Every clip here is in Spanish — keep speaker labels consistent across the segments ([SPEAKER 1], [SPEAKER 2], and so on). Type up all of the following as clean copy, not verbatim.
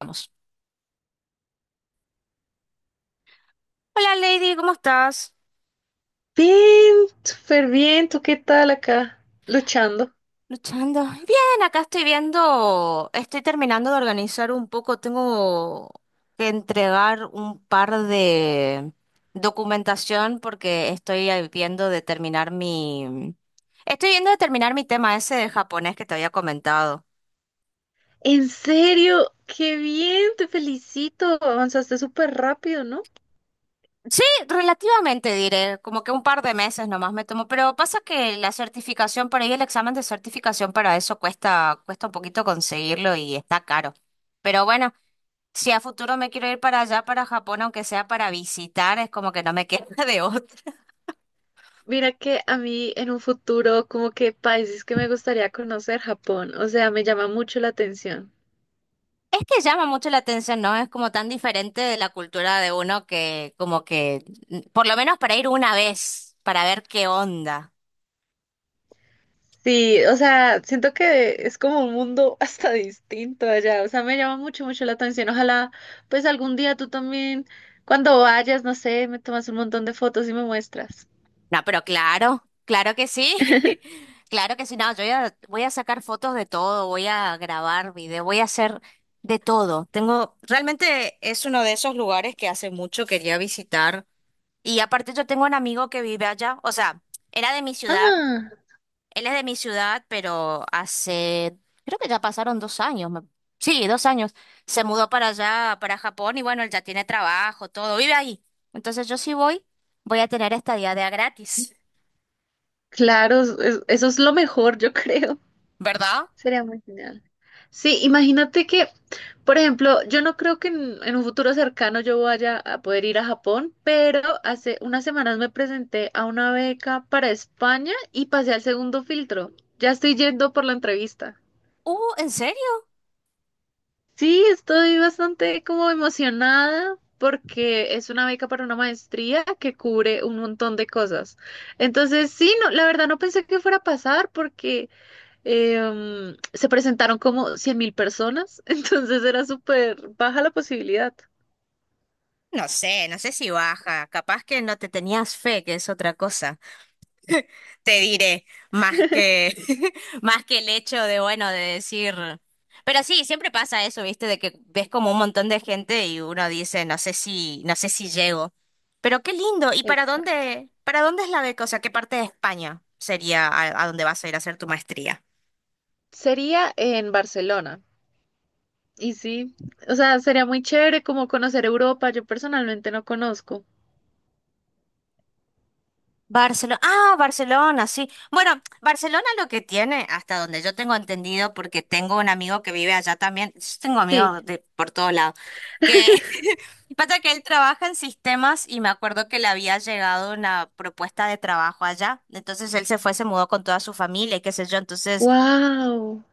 [SPEAKER 1] Vamos. Hola Lady, ¿cómo estás?
[SPEAKER 2] Bien, súper bien. ¿Tú qué tal acá? Luchando.
[SPEAKER 1] Luchando. Bien, acá estoy viendo, estoy terminando de organizar un poco, tengo que entregar un par de documentación porque estoy ahí viendo de terminar mi, estoy viendo de terminar mi tema ese de japonés que te había comentado.
[SPEAKER 2] En serio, qué bien, te felicito. Avanzaste súper rápido, ¿no?
[SPEAKER 1] Sí, relativamente diré, como que un par de meses nomás me tomo, pero pasa que la certificación por ahí, el examen de certificación para eso cuesta, cuesta un poquito conseguirlo y está caro. Pero bueno. Si a futuro me quiero ir para allá, para Japón, aunque sea para visitar, es como que no me queda de otra.
[SPEAKER 2] Mira que a mí en un futuro, como que países que me gustaría conocer, Japón. O sea, me llama mucho la atención.
[SPEAKER 1] Es que llama mucho la atención, ¿no? Es como tan diferente de la cultura de uno que como que, por lo menos para ir una vez, para ver qué onda.
[SPEAKER 2] Sí, o sea, siento que es como un mundo hasta distinto allá. O sea, me llama mucho, mucho la atención. Ojalá, pues algún día tú también, cuando vayas, no sé, me tomas un montón de fotos y me muestras.
[SPEAKER 1] No, pero claro, claro que sí. Claro que sí, no, voy a sacar fotos de todo, voy a grabar video, voy a hacer de todo. Tengo, realmente es uno de esos lugares que hace mucho quería visitar. Y aparte yo tengo un amigo que vive allá, o sea, era de mi ciudad,
[SPEAKER 2] Ah.
[SPEAKER 1] él es de mi ciudad, pero hace, creo que ya pasaron dos años, sí, dos años, se mudó para allá, para Japón y bueno, él ya tiene trabajo, todo, vive ahí. Entonces yo sí voy, voy a tener estadía de a gratis,
[SPEAKER 2] Claro, eso es lo mejor, yo creo.
[SPEAKER 1] ¿verdad?
[SPEAKER 2] Sería muy genial. Sí, imagínate que, por ejemplo, yo no creo que en un futuro cercano yo vaya a poder ir a Japón, pero hace unas semanas me presenté a una beca para España y pasé al segundo filtro. Ya estoy yendo por la entrevista.
[SPEAKER 1] ¿En serio?
[SPEAKER 2] Sí, estoy bastante como emocionada porque es una beca para una maestría que cubre un montón de cosas. Entonces, sí, no, la verdad no pensé que fuera a pasar porque se presentaron como 100.000 personas, entonces era súper baja la posibilidad.
[SPEAKER 1] No sé, no sé si baja, capaz que no te tenías fe, que es otra cosa. Te diré, más que, más que el hecho de, bueno, de decir. Pero sí, siempre pasa eso, ¿viste? De que ves como un montón de gente y uno dice, no sé si, no sé si llego. Pero qué lindo. ¿Y
[SPEAKER 2] Exacto.
[SPEAKER 1] para dónde es la beca? O sea, ¿qué parte de España sería a dónde vas a ir a hacer tu maestría?
[SPEAKER 2] Sería en Barcelona. Y sí, o sea, sería muy chévere como conocer Europa. Yo personalmente no conozco.
[SPEAKER 1] Barcelona. Ah, Barcelona, sí. Bueno, Barcelona lo que tiene, hasta donde yo tengo entendido, porque tengo un amigo que vive allá también. Yo tengo
[SPEAKER 2] Sí.
[SPEAKER 1] amigos de por todos lados. Que pasa que él trabaja en sistemas y me acuerdo que le había llegado una propuesta de trabajo allá. Entonces él se fue, se mudó con toda su familia y qué sé yo. Entonces,
[SPEAKER 2] Wow.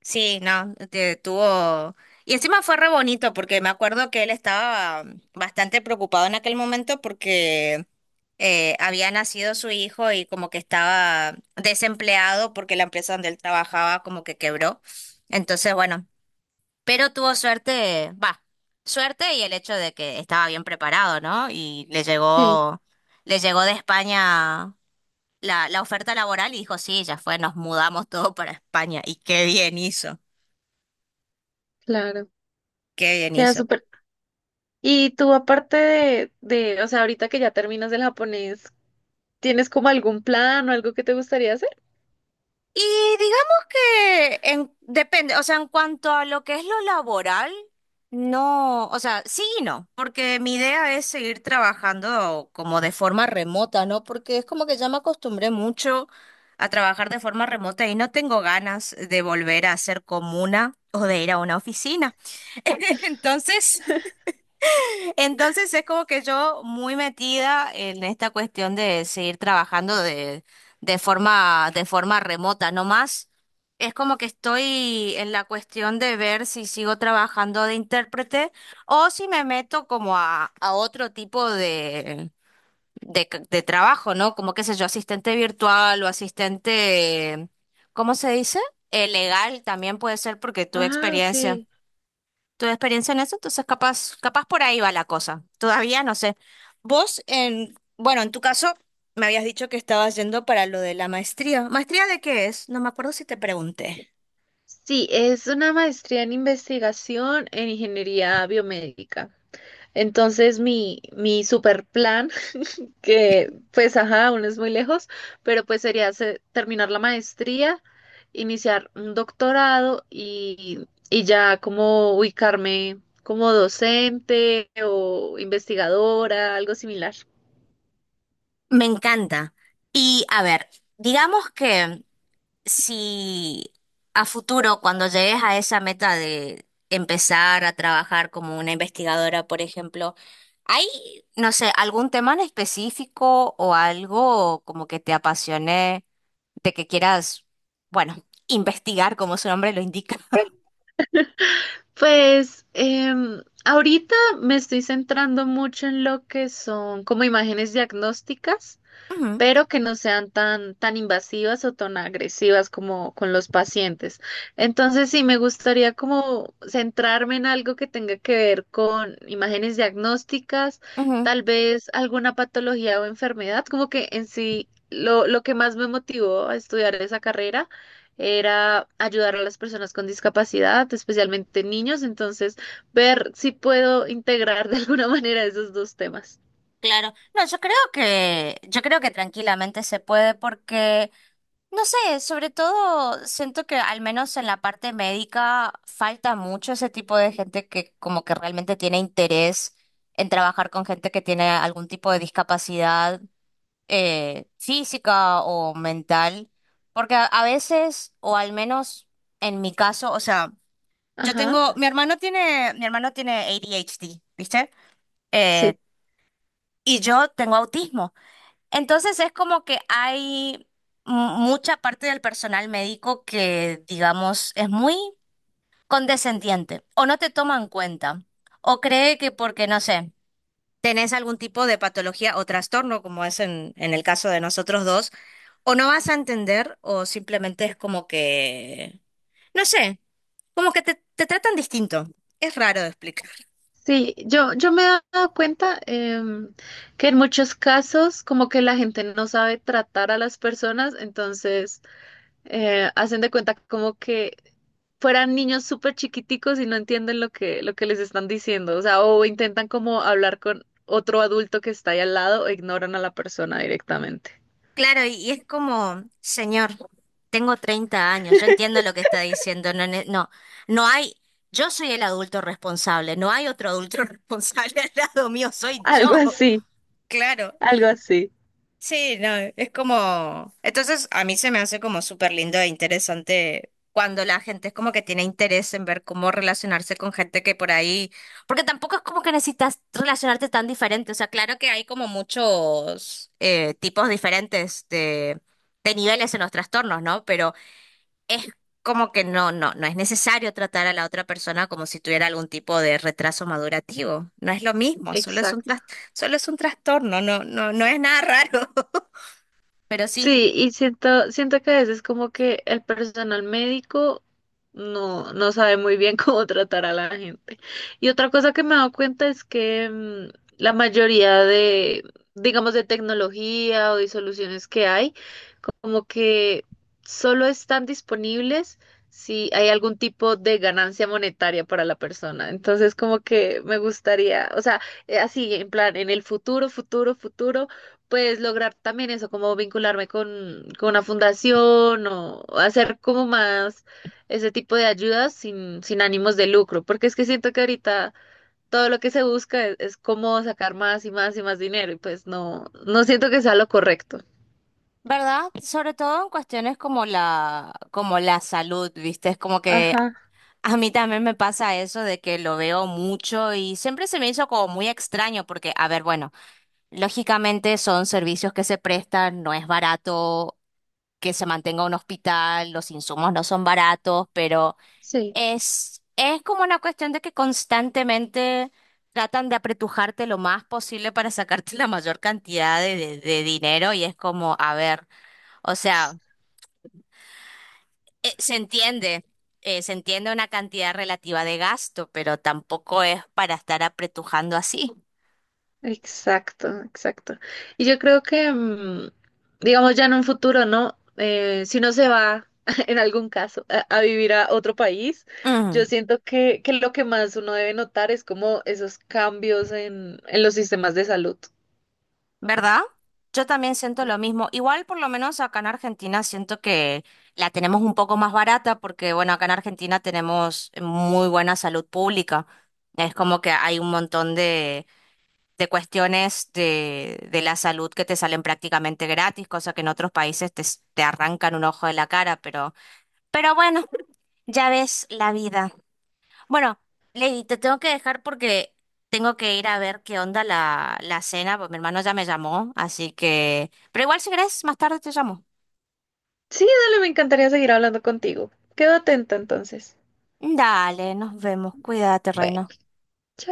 [SPEAKER 1] sí, no, tuvo... Y encima fue re bonito porque me acuerdo que él estaba bastante preocupado en aquel momento porque había nacido su hijo y como que estaba desempleado porque la empresa donde él trabajaba como que quebró. Entonces, bueno. Pero tuvo suerte, va, suerte y el hecho de que estaba bien preparado, ¿no? Y
[SPEAKER 2] Sí,
[SPEAKER 1] le llegó de España la, la oferta laboral y dijo, sí, ya fue, nos mudamos todo para España. Y qué bien hizo,
[SPEAKER 2] claro.
[SPEAKER 1] qué bien
[SPEAKER 2] Queda
[SPEAKER 1] hizo.
[SPEAKER 2] súper. Y tú, aparte o sea, ahorita que ya terminas el japonés, ¿tienes como algún plan o algo que te gustaría hacer?
[SPEAKER 1] Y digamos que depende, o sea, en cuanto a lo que es lo laboral, no, o sea, sí y no, porque mi idea es seguir trabajando como de forma remota, ¿no? Porque es como que ya me acostumbré mucho a trabajar de forma remota y no tengo ganas de volver a ser comuna o de ir a una oficina. Entonces, entonces es como que yo muy metida en esta cuestión de seguir trabajando de forma remota, no más. Es como que estoy en la cuestión de ver si sigo trabajando de intérprete o si me meto como a otro tipo de, de trabajo, ¿no? Como qué sé yo, asistente virtual o asistente, ¿cómo se dice? Legal también puede ser porque tuve
[SPEAKER 2] Ah,
[SPEAKER 1] experiencia
[SPEAKER 2] ok.
[SPEAKER 1] tu experiencia en eso, entonces capaz, capaz por ahí va la cosa. Todavía no sé. Vos, en, bueno, en tu caso, me habías dicho que estabas yendo para lo de la maestría. ¿Maestría de qué es? No me acuerdo si te pregunté.
[SPEAKER 2] Sí, es una maestría en investigación en ingeniería biomédica. Entonces, mi super plan, que pues, ajá, aún es muy lejos, pero pues sería hacer- terminar la maestría, iniciar un doctorado y ya como ubicarme como docente o investigadora, algo similar.
[SPEAKER 1] Me encanta. Y a ver, digamos que si a futuro, cuando llegues a esa meta de empezar a trabajar como una investigadora, por ejemplo, ¿hay, no sé, algún tema en específico o algo como que te apasione de que quieras, bueno, investigar como su nombre lo indica?
[SPEAKER 2] Pues ahorita me estoy centrando mucho en lo que son como imágenes diagnósticas.
[SPEAKER 1] Ujú,
[SPEAKER 2] Pero que no sean tan, tan invasivas o tan agresivas como con los pacientes. Entonces, sí, me gustaría como centrarme en algo que tenga que ver con imágenes diagnósticas,
[SPEAKER 1] ujú,
[SPEAKER 2] tal vez alguna patología o enfermedad, como que en sí lo que más me motivó a estudiar esa carrera era ayudar a las personas con discapacidad, especialmente niños, entonces ver si puedo integrar de alguna manera esos dos temas.
[SPEAKER 1] claro, no, yo creo que tranquilamente se puede porque no sé, sobre todo siento que al menos en la parte médica falta mucho ese tipo de gente que como que realmente tiene interés en trabajar con gente que tiene algún tipo de discapacidad física o mental, porque a veces, o al menos en mi caso, o sea, yo
[SPEAKER 2] Ajá,
[SPEAKER 1] tengo, mi hermano tiene ADHD, ¿viste? Eh,
[SPEAKER 2] sí.
[SPEAKER 1] y yo tengo autismo. Entonces es como que hay mu- mucha parte del personal médico que, digamos, es muy condescendiente o no te toma en cuenta o cree que porque, no sé, tenés algún tipo de patología o trastorno, como es en el caso de nosotros dos, o no vas a entender o simplemente es como que, no sé, como que te tratan distinto. Es raro de explicar.
[SPEAKER 2] Sí, yo me he dado cuenta que en muchos casos como que la gente no sabe tratar a las personas, entonces hacen de cuenta como que fueran niños súper chiquiticos y no entienden lo que les están diciendo, o sea, o intentan como hablar con otro adulto que está ahí al lado o ignoran a la persona directamente.
[SPEAKER 1] Claro, y es como, señor, tengo 30 años, yo entiendo lo que está diciendo, no, no, no hay, yo soy el adulto responsable, no hay otro adulto responsable al lado mío, soy
[SPEAKER 2] Algo
[SPEAKER 1] yo,
[SPEAKER 2] así,
[SPEAKER 1] claro.
[SPEAKER 2] algo así.
[SPEAKER 1] Sí, no, es como... Entonces a mí se me hace como súper lindo e interesante cuando la gente es como que tiene interés en ver cómo relacionarse con gente que por ahí... Porque tampoco es como que necesitas relacionarte tan diferente. O sea, claro que hay como muchos tipos diferentes de niveles en los trastornos, ¿no? Pero es como que no, no, no es necesario tratar a la otra persona como si tuviera algún tipo de retraso madurativo. No es lo mismo,
[SPEAKER 2] Exacto.
[SPEAKER 1] solo es un trastorno, no, no, no es nada raro. Pero sí,
[SPEAKER 2] Sí, y siento que a veces como que el personal médico no sabe muy bien cómo tratar a la gente. Y otra cosa que me he dado cuenta es que la mayoría digamos, de tecnología o de soluciones que hay, como que solo están disponibles si hay algún tipo de ganancia monetaria para la persona. Entonces, como que me gustaría, o sea, así, en plan, en el futuro, futuro, futuro, pues lograr también eso, como vincularme con una fundación o hacer como más ese tipo de ayudas sin ánimos de lucro, porque es que siento que ahorita... Todo lo que se busca es cómo sacar más y más y más dinero, y pues no, no siento que sea lo correcto.
[SPEAKER 1] ¿verdad? Sobre todo en cuestiones como la salud, ¿viste? Es como que
[SPEAKER 2] Ajá,
[SPEAKER 1] a mí también me pasa eso de que lo veo mucho y siempre se me hizo como muy extraño porque, a ver, bueno, lógicamente son servicios que se prestan, no es barato que se mantenga un hospital, los insumos no son baratos, pero
[SPEAKER 2] sí.
[SPEAKER 1] es como una cuestión de que constantemente tratan de apretujarte lo más posible para sacarte la mayor cantidad de dinero y es como, a ver. O sea, eh, se entiende, se entiende una cantidad relativa de gasto, pero tampoco es para estar apretujando así.
[SPEAKER 2] Exacto, exacto. Y yo creo que, digamos, ya en un futuro, ¿no? Si uno se va, en algún caso, a vivir a otro país, yo
[SPEAKER 1] Mm,
[SPEAKER 2] siento que lo que más uno debe notar es como esos cambios en los sistemas de salud.
[SPEAKER 1] ¿Verdad? Yo también siento lo mismo. Igual, por lo menos acá en Argentina, siento que la tenemos un poco más barata porque, bueno, acá en Argentina tenemos muy buena salud pública. Es como que hay un montón de cuestiones de la salud que te salen prácticamente gratis, cosa que en otros países te arrancan un ojo de la cara, pero... Pero bueno, ya ves la vida. Bueno, Lady, te tengo que dejar porque tengo que ir a ver qué onda la, la cena, pues mi hermano ya me llamó, así que... Pero igual si querés, más tarde te llamo.
[SPEAKER 2] Sí, dale, me encantaría seguir hablando contigo. Quedo atenta entonces.
[SPEAKER 1] Dale, nos vemos. Cuídate, reina.
[SPEAKER 2] Bueno.